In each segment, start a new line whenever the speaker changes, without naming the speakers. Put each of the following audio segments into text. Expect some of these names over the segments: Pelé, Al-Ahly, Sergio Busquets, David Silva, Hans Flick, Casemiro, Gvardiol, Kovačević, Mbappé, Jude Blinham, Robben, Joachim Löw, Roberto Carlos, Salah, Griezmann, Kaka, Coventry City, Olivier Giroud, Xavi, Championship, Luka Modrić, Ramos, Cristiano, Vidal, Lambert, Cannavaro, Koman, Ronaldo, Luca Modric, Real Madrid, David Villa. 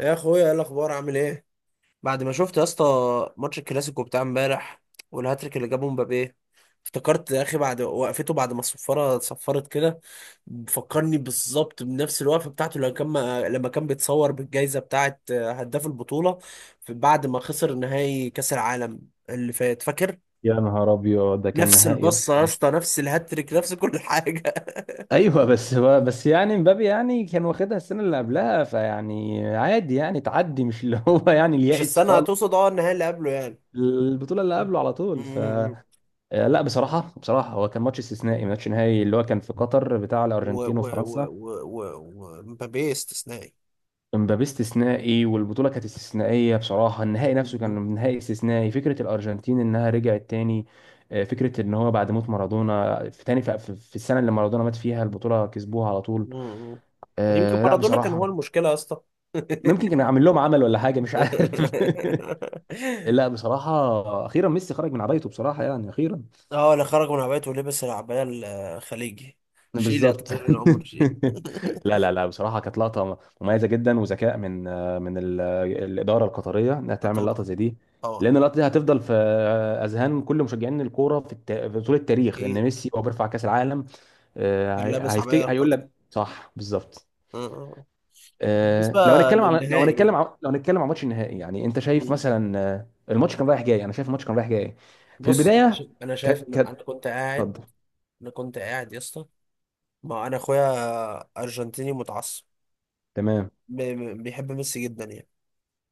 يا اخويا، ايه الاخبار؟ عامل ايه؟ بعد ما شفت يا اسطى ماتش الكلاسيكو بتاع امبارح والهاتريك اللي جابه مبابي، افتكرت يا اخي بعد وقفته بعد ما الصفاره صفرت كده. فكرني بالظبط بنفس الوقفه بتاعته لما كان بيتصور بالجائزه بتاعه هداف البطوله بعد ما خسر نهائي كاس العالم اللي فات، فاكر؟
يا نهار ابيض، ده كان
نفس
نهائي يلا
البصه يا
مش.
اسطى، نفس الهاتريك، نفس كل حاجه.
ايوه بس يعني مبابي يعني كان واخدها السنه اللي قبلها، فيعني عادي يعني تعدي، مش اللي هو يعني
مش
اليائس
السنه
خالص.
هتقصد، النهائي اللي قبله يعني.
البطوله اللي قبله على طول ف لا، بصراحه هو كان ماتش استثنائي، ماتش نهائي اللي هو كان في قطر بتاع
و
الارجنتين
و و
وفرنسا.
و و ومبابي استثنائي.
مبابي استثنائي والبطوله كانت استثنائيه بصراحه، النهائي نفسه
مم.
كان نهائي استثنائي. فكره الارجنتين انها رجعت تاني. فكره ان هو بعد موت مارادونا في تاني في في السنه اللي مارادونا مات فيها البطوله كسبوها على طول.
مم. يمكن
آه، لا
مارادونا كان
بصراحة.
هو المشكلة يا اسطى.
ممكن كان عامل لهم عمل ولا حاجة، مش عارف. لا بصراحة، أخيرا ميسي خرج من عبايته بصراحة، يعني أخيرا.
اه، اللي خرج من عبايته ولبس العباية الخليجي. شيل يا
بالظبط.
طويل العمر شيل.
لا لا لا، بصراحة كانت لقطة مميزة جدا، وذكاء من الإدارة القطرية إنها
آه
تعمل لقطة
طبعا.
زي دي.
طبعا.
لأن اللقطة دي هتفضل في أذهان كل مشجعين الكورة في طول التاريخ، إن
اكيد.
ميسي هو بيرفع كأس العالم.
كان لابس عباية
هيفتكر، هيقول
القطر.
لك صح بالظبط.
آه، آه. بالنسبة
آه، لو هنتكلم عن لو هنتكلم
للنهائي.
عن لو هنتكلم عن ماتش النهائي، يعني انت شايف
مم.
مثلا الماتش كان رايح جاي، انا شايف الماتش كان رايح جاي. في
بص،
البدايه
انا
ك
شايف ان
ك
انا كنت قاعد.
اتفضل.
انا كنت قاعد يا اسطى، ما انا اخويا ارجنتيني متعصب،
تمام.
بيحب ميسي جدا يعني.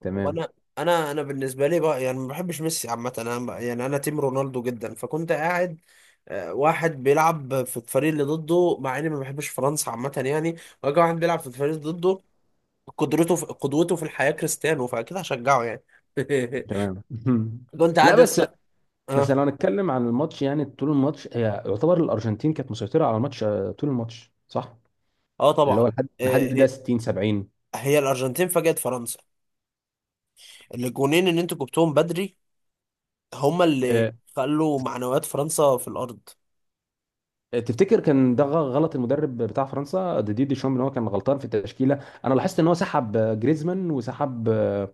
تمام.
وانا، انا انا بالنسبه لي بقى يعني ما بحبش ميسي عامه، يعني انا تيم رونالدو جدا، فكنت قاعد آه، واحد بيلعب في الفريق اللي ضده، مع اني ما بحبش فرنسا عامه يعني. واجي واحد بيلعب في الفريق اللي ضده، قدرته في قدوته في الحياه كريستيانو، فاكيد هشجعه يعني.
تمام.
كنت
لا
قاعد
بس، بس
اه.
لو هنتكلم عن الماتش، يعني طول الماتش هي يعتبر الارجنتين كانت مسيطره على الماتش طول الماتش، صح.
اه
اللي
طبعا.
هو لحد
آه،
لحد ده
هي
60 70.
هي الارجنتين فاجأت فرنسا. الجونين اللي انتوا جبتوهم بدري، هما اللي خلوا معنويات فرنسا في الارض.
تفتكر كان ده غلط المدرب بتاع فرنسا ديدي دي شوم ان هو كان غلطان في التشكيله؟ انا لاحظت ان هو سحب جريزمان، وسحب آه،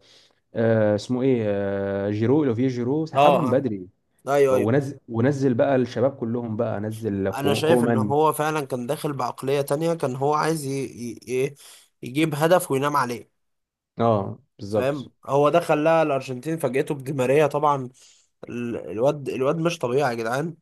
آه، اسمه ايه آه، جيرو، اوليفيه جيرو،
اه
سحبهم
اه.
بدري.
ايوه ايوه.
ونزل بقى الشباب كلهم، بقى نزل
انا شايف ان
كومان.
هو فعلا كان داخل بعقلية تانية، كان هو عايز ي... ي- يجيب هدف وينام عليه.
اه بالظبط.
فاهم؟ هو ده خلاها الارجنتين فاجئته بدي ماريا طبعا. الواد مش طبيعي يا جدعان.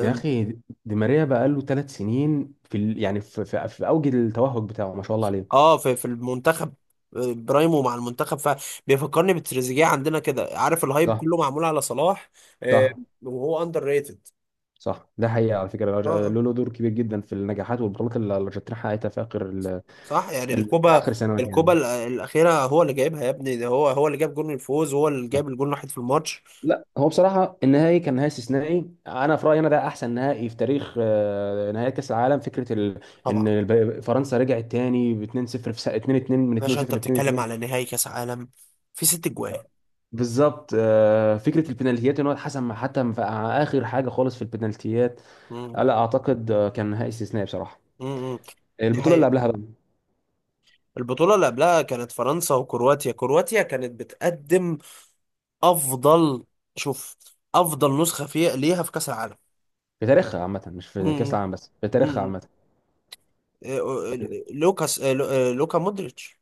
يا اخي دي ماريا بقى له ثلاث سنين في ال... يعني في... في... في اوج التوهج بتاعه، ما شاء الله عليه.
اه، في المنتخب. أه، برايمو مع المنتخب، فبيفكرني بتريزيجيه عندنا كده، عارف الهايب
صح.
كله معمول على صلاح. أه،
صح.
وهو اندر ريتد.
صح، ده حقيقه على فكره. الأرج-
اه
له
آه،
له دور كبير جدا في النجاحات والبطولات اللي الارجنتين حققتها في اخر
صح يعني.
ده
الكوبا،
اخر سنوات يعني.
الاخيره هو اللي جايبها يا ابني، ده هو اللي جاب جون الفوز، هو اللي
صح.
جاب الجون الوحيد في الماتش.
لا هو بصراحه النهائي كان نهائي استثنائي، انا في رايي انا ده احسن نهائي في تاريخ نهائي كاس العالم. ان
طبعا.
فرنسا رجعت تاني ب 2-0 في سنة 2-2، من
باشا
2-0
انت
ل
بتتكلم
2-2.
على نهائي كاس عالم في 6 اجوان.
بالظبط، فكره البنالتيات ان هو حتى في اخر حاجه خالص في البنالتيات.
مم.
لا اعتقد كان نهائي استثنائي بصراحه.
مم. دي
البطوله اللي
حقيقة.
قبلها بقى.
البطولة اللي قبلها كانت فرنسا وكرواتيا. كرواتيا كانت بتقدم افضل. شوف، افضل نسخة فيها ليها في كاس العالم.
في تاريخها عامه، مش في كاس
مم.
العالم بس، في تاريخها
مم.
عامه.
إيه، إيه، لوكاس إيه، لو- إيه، لوكا مودريتش.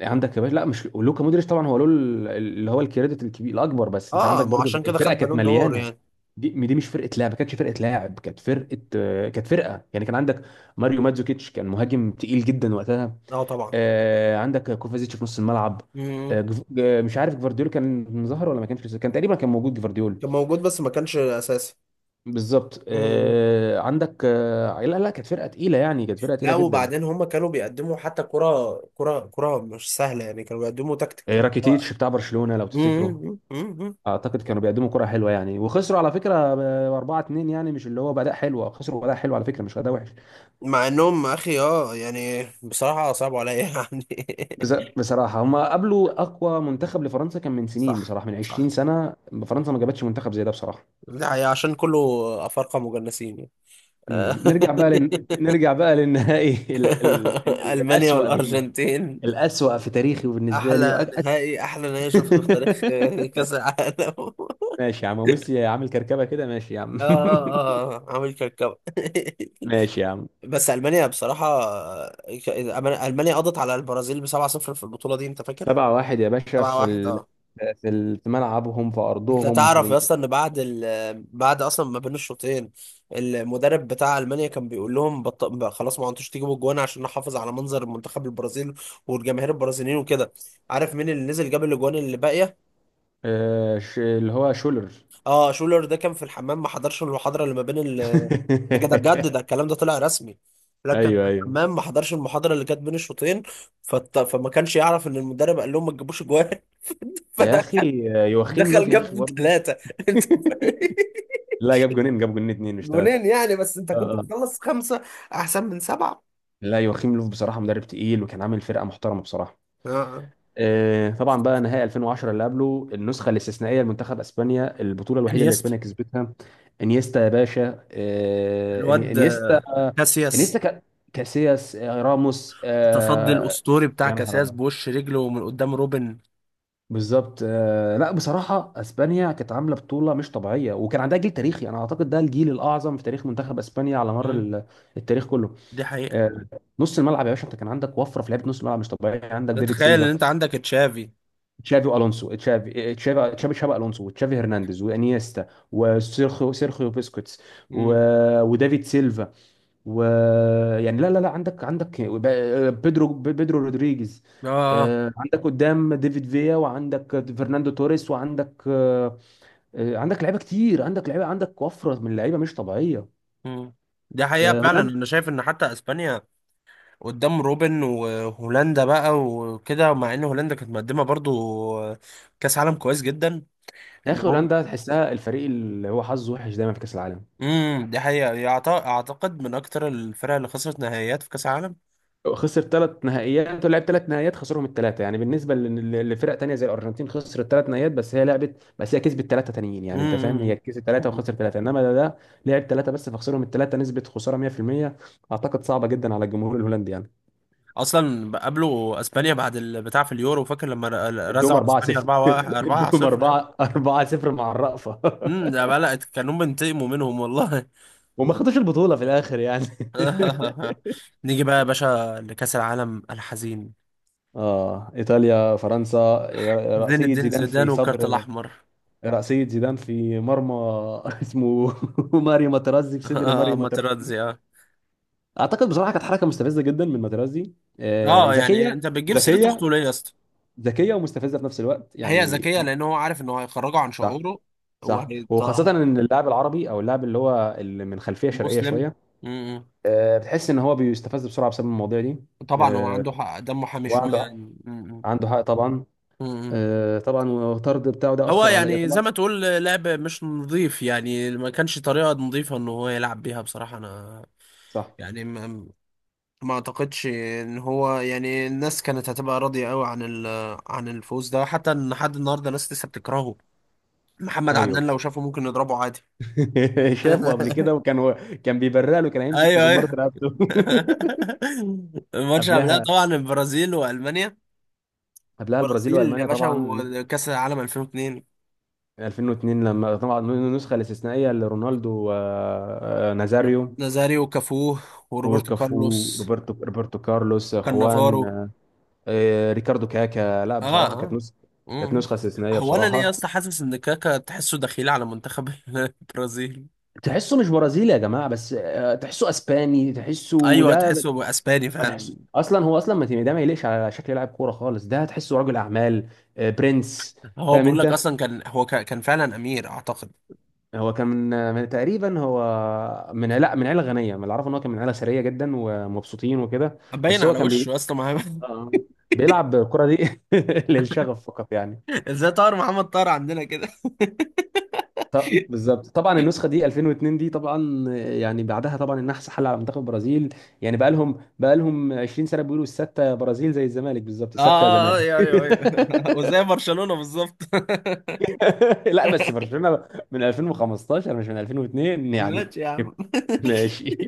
عندك يا باشا، لا مش لوكا مودريتش طبعا هو له اللي هو الكريدت الكبير الاكبر، بس انت
اه
عندك
ما هو
برضو
عشان كده خد
الفرقه كانت
بالون دور
مليانه.
يعني.
دي دي مش فرقه لاعب ما كانتش فرقه لاعب كانت فرقه آه، كانت فرقه يعني كان عندك ماريو ماتزوكيتش، كان مهاجم تقيل جدا وقتها.
اه طبعا.
عندك كوفازيتش في نص الملعب.
مم.
مش عارف جفارديول كان ظهر ولا ما كانش لسه، كان تقريبا كان موجود جفارديول.
كان موجود بس ما كانش اساسي.
بالظبط
مم.
آه، عندك آه، لا لا، كانت فرقه تقيله يعني، كانت فرقه تقيله
لا
جدا.
وبعدين هم كانوا بيقدموا حتى كرة كرة كرة مش سهلة يعني، كانوا بيقدموا تكتيك.
راكيتيتش بتاع برشلونه لو
مم،
تفتكره.
مم، مم.
اعتقد كانوا بيقدموا كرة حلوة يعني، وخسروا على فكرة ب 4 2، يعني مش اللي هو بأداء حلو، خسروا بأداء حلو على فكرة، مش أداء وحش.
مع انهم اخي اه يعني بصراحة صعبوا عليا يعني.
بس بصراحة هم قابلوا أقوى منتخب لفرنسا كان من سنين
صح
بصراحة، من 20
صح.
سنة. فرنسا ما جابتش منتخب زي ده بصراحة.
ده هي عشان كله افارقة مجنسين يعني.
مم. نرجع بقى لن... نرجع بقى للنهائي.
المانيا
الأسوأ بالنسبة.
والارجنتين
الأسوأ في تاريخي وبالنسبة لي
احلى نهائي، احلى نهائي شفته في تاريخ كاس العالم.
ماشي يا عم، وميسي عامل كركبة كده، ماشي يا عم.
اه اه اه عامل كركبة.
ماشي يا عم.
بس المانيا بصراحه، ك- المانيا قضت على البرازيل ب 7-0 في البطوله دي انت فاكر.
سبعة واحد يا باشا في
7-1. اه.
في ملعبهم، في
انت
أرضهم،
تعرف يا اسطى ان بعد بعد اصلا ما بين الشوطين المدرب بتاع المانيا كان بيقول لهم بقى خلاص ما انتوش تجيبوا الجوان عشان نحافظ على منظر منتخب البرازيل والجماهير البرازيليين وكده. عارف مين اللي نزل جاب الاجوان اللي باقيه؟
اللي هو شولر.
اه شولر. ده كان في الحمام، ما حضرش المحاضرة اللي ما بين ال. بجد ده، بجد ده الكلام ده طلع رسمي. لكن في
ايوه، ايوه.
الحمام، ما حضرش المحاضرة اللي كانت بين الشوطين، فما كانش يعرف ان المدرب قال لهم ما تجيبوش جوان.
يا
فدخل.
اخي، يوخيم لوف
دخل
يا اخي
جاب
برضه.
ثلاثة. انت فاهم؟
لا، جاب جونين، جاب جونين اتنين مش ثلاثة.
جونين يعني، بس انت
اه
كنت
آه.
مخلص خمسة. احسن من سبعة.
لا، يوخيم لوف بصراحة مدرب تقيل وكان عامل فرقة محترمة بصراحة.
اه آه.
طبعا بقى نهائي 2010 اللي قبله، النسخه الاستثنائيه لمنتخب اسبانيا، البطوله الوحيده اللي
انيستا.
اسبانيا كسبتها. انيستا يا باشا،
الواد
انيستا.
آه،
انيستا
كاسياس.
كا- كاسياس راموس
التصدي الاسطوري بتاع
يا نهار
كاسياس،
ابيض.
بوش رجله من قدام روبن.
بالظبط، لا بصراحه اسبانيا كانت عامله بطوله مش طبيعيه، وكان عندها جيل تاريخي، انا اعتقد ده الجيل الاعظم في تاريخ منتخب اسبانيا على مر
مم.
التاريخ كله.
دي حقيقة.
آه، نص الملعب يا باشا انت كان عندك وفره في لعيبه نص الملعب مش طبيعيه. عندك
لا
ديفيد
تخيل ان
سيلفا،
انت عندك تشافي.
تشافي الونسو، تشافي الونسو وتشافي هرنانديز، وانيستا، وسيرخيو، سيرخيو بيسكوتس، و...
مم.
ودافيد سيلفا، و يعني لا لا لا عندك عندك ب- بيدرو، بيدرو رودريجيز.
اه.
عندك قدام ديفيد فيا، وعندك فرناندو توريس، وعندك عندك لعيبه كتير، عندك لعيبه، عندك وفره من اللعيبه مش طبيعيه.
مم. دي حقيقة فعلا.
هولندا.
انا شايف ان حتى اسبانيا قدام روبن وهولندا بقى وكده مع ان هولندا كانت مقدمة برضو كاس عالم كويس جدا.
يا
ان
اخي
هم،
هولندا تحسها الفريق اللي هو حظه وحش دايما في كاس العالم.
امم، دي حقيقة يعت-، اعتقد من اكتر الفرق اللي خسرت نهائيات في كاس عالم.
خسر ثلاث نهائيات ولعب ثلاث نهائيات خسرهم الثلاثه، يعني بالنسبه لفرق تانية زي الارجنتين، خسرت ثلاث نهائيات بس هي لعبت، بس هي كسبت ثلاثه تانيين، يعني انت فاهم، هي
امم.
كسبت ثلاثه
امم.
وخسر ثلاثه، انما ده لعب ثلاثه بس فخسرهم الثلاثه، نسبه خساره 100%. اعتقد صعبه جدا على الجمهور الهولندي يعني.
اصلا قابلوا اسبانيا بعد البتاع في اليورو، فاكر لما
ادوهم
رزعوا اسبانيا
4-0.
4 1 4 0.
ادوهم 4 4-0 مع الرأفه.
امم، ده بلقت كانوا بينتقموا منهم والله.
وما خدوش البطولة في الآخر يعني.
نيجي بقى يا باشا لكأس العالم الحزين.
اه، ايطاليا فرنسا.
زين
رأسية
الدين
زيدان
زيدان
في
والكارت
صدر
الاحمر.
رأسية زيدان في مرمى. اسمه ماريو ماترازي، في صدر
اه
ماريو ماترازي.
ماتراتزي اه.
اعتقد بصراحه كانت حركه مستفزه جدا من ماترازي.
اه يعني
ذكيه.
انت بتجيب سيره
ذكيه
اخته ليه يا اسطى؟
ذكيه ومستفزه في نفس الوقت
هي
يعني.
ذكيه لان هو عارف انه هيخرجه عن
صح.
شعوره.
صح،
وهي
وخاصه ان اللاعب العربي او اللاعب اللي هو اللي من خلفيه شرقيه
مسلم،
شويه،
م- م.
بتحس ان هو بيستفز بسرعه بسبب المواضيع دي.
طبعا هو
آه،
عنده حق، دمه حامي شويه
وعنده
يعني،
حق-
م- م.
عنده حق طبعا.
م- م.
طبعا والطرد بتاعه ده
هو
اثر عليا
يعني زي
طبعا.
ما تقول لعب مش نظيف يعني، ما كانش طريقه نظيفه ان هو يلعب بيها بصراحه. انا
صح.
يعني ما اعتقدش ان هو يعني الناس كانت هتبقى راضيه قوي عن عن الفوز ده، حتى ان لحد النهارده ناس لسه بتكرهه. محمد
ايوه.
عدنان لو شافه ممكن نضربه عادي.
شافه قبل كده، وكان هو كان بيبرق له، كان هيمسك في
ايوه
زمارة
ايوه.
رقبته.
الماتش قبلها
قبلها،
طبعا البرازيل والمانيا.
قبلها البرازيل
البرازيل يا
والمانيا
باشا
طبعا.
وكأس العالم 2002.
2002 لما طبعا النسخه الاستثنائيه لرونالدو، نازاريو.
نازاريو وكافو وروبرتو
وكافو،
كارلوس.
روبرتو كارلوس، خوان،
كانافارو.
ريكاردو كاكا. لا
اه
بصراحه كانت
اه.
نسخه، كانت
مم.
نسخه استثنائيه
هو انا ليه
بصراحه.
اصلا حاسس ان كاكا تحسه دخيل على منتخب البرازيل؟
تحسه مش برازيلي يا جماعه، بس تحسه اسباني، تحسه
ايوه،
ده.
تحسه هو اسباني
ما
فعلا.
تحس اصلا هو اصلا ما ده ما يليقش على شكل لاعب كوره خالص، ده تحسه رجل اعمال، برنس.
هو
فاهم
بقول لك
انت،
اصلا كان هو كان فعلا امير اعتقد.
هو كان من تقريبا هو من، لا من عيله غنيه، من اللي اعرفه ان هو كان من عيله ثريه جدا ومبسوطين وكده.
باين
بس هو
على
كان بي...
وشه اصلا
آه. بيلعب الكره دي للشغف فقط يعني.
ازاي طار محمد طار عندنا.
طب بالظبط، طبعا النسخه دي 2002 دي طبعا. يعني بعدها طبعا النحس حل على منتخب البرازيل. يعني بقى لهم 20 سنه بيقولوا، السته برازيل زي الزمالك بالظبط،
اه
السته يا
آه،
زمالك.
آه، ايوه ايوه ايوه. وزي برشلونة بالظبط.
لا بس برشلونة من 2015، مش من 2002 يعني.
ماشي يا عم.
ماشي.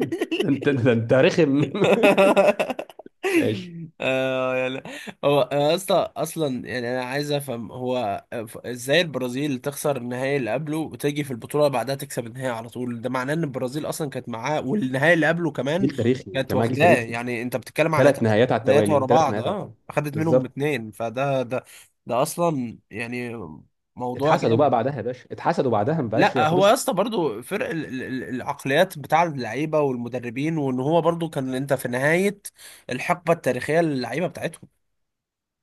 ده انت رخم. ماشي.
اه يلا. هو أنا يا اسطى اصلا يعني انا عايز افهم، هو ازاي البرازيل تخسر النهائي اللي قبله وتيجي في البطوله بعدها تكسب النهائي على طول؟ ده معناه ان البرازيل اصلا كانت معاه والنهائي اللي قبله كمان
جيل تاريخي
كانت
جماعة، جيل
واخداه
تاريخي.
يعني. انت بتتكلم على
ثلاث
ثلاث
نهايات على
نهائيات
التوالي
ورا
ثلاث
بعض،
نهايات على
اه
التوالي
اخدت منهم
بالظبط.
اتنين فده ده، ده اصلا يعني موضوع
اتحسدوا بقى
جامد.
بعدها يا باشا، اتحسدوا بعدها، ما بقاش
لا هو
ياخدوش.
يا اسطى برضه فرق العقليات بتاع اللعيبه والمدربين، وان هو برضه كان انت في نهايه الحقبه التاريخيه للعيبه بتاعتهم.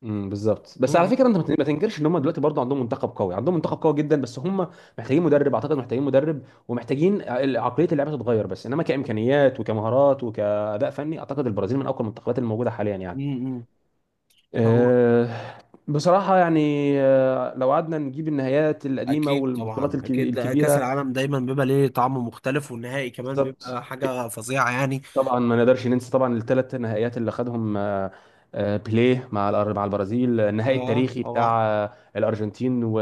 بالظبط، بس على
امم.
فكره انت ما تنكرش ان هم دلوقتي برضه عندهم منتخب قوي، عندهم منتخب قوي جدا، بس هم محتاجين مدرب، اعتقد محتاجين مدرب، ومحتاجين عقليه اللعبه تتغير، بس انما كامكانيات وكمهارات وكاداء فني اعتقد البرازيل من اقوى المنتخبات الموجوده حاليا يعني.
امم. هو
آه، بصراحة يعني. لو قعدنا نجيب النهايات القديمة
اكيد
والبطولات
طبعا، اكيد ده كاس
الكبيرة.
العالم دايما بيبقى ليه طعم مختلف، والنهائي كمان
بالظبط.
بيبقى حاجه فظيعه يعني.
طبعا ما نقدرش ننسى طبعا الثلاث نهائيات اللي خدهم بيليه مع مع البرازيل، النهائي
اه
التاريخي
طبعا.
بتاع الأرجنتين و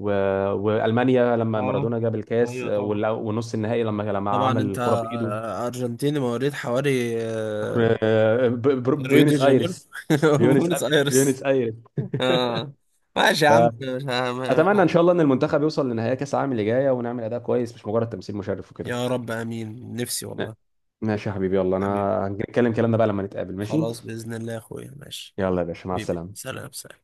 و وألمانيا لما
اه
مارادونا جاب الكاس،
ايوه طبعا.
والنص النهائي لما
طبعا
عمل
انت
الكرة بإيده.
ارجنتيني مواليد حواري ريو دي
بيونس
جانيرو.
آيرس. بيونس
بونس ايرس.
بيونس آيرس.
اه. ماشي يا عم. مش،
اتمنى ان شاء الله ان المنتخب يوصل لنهائي كاس العالم اللي جايه، ونعمل اداء كويس، مش مجرد تمثيل مشرف وكده.
يا رب امين، نفسي والله.
ماشي يا حبيبي، يلا انا
حبيبي،
هنتكلم كلامنا بقى لما نتقابل، ماشي.
خلاص باذن الله يا اخويا، ماشي.
يلا يا باشا، مع
حبيبي،
السلامه.
سلام سلام.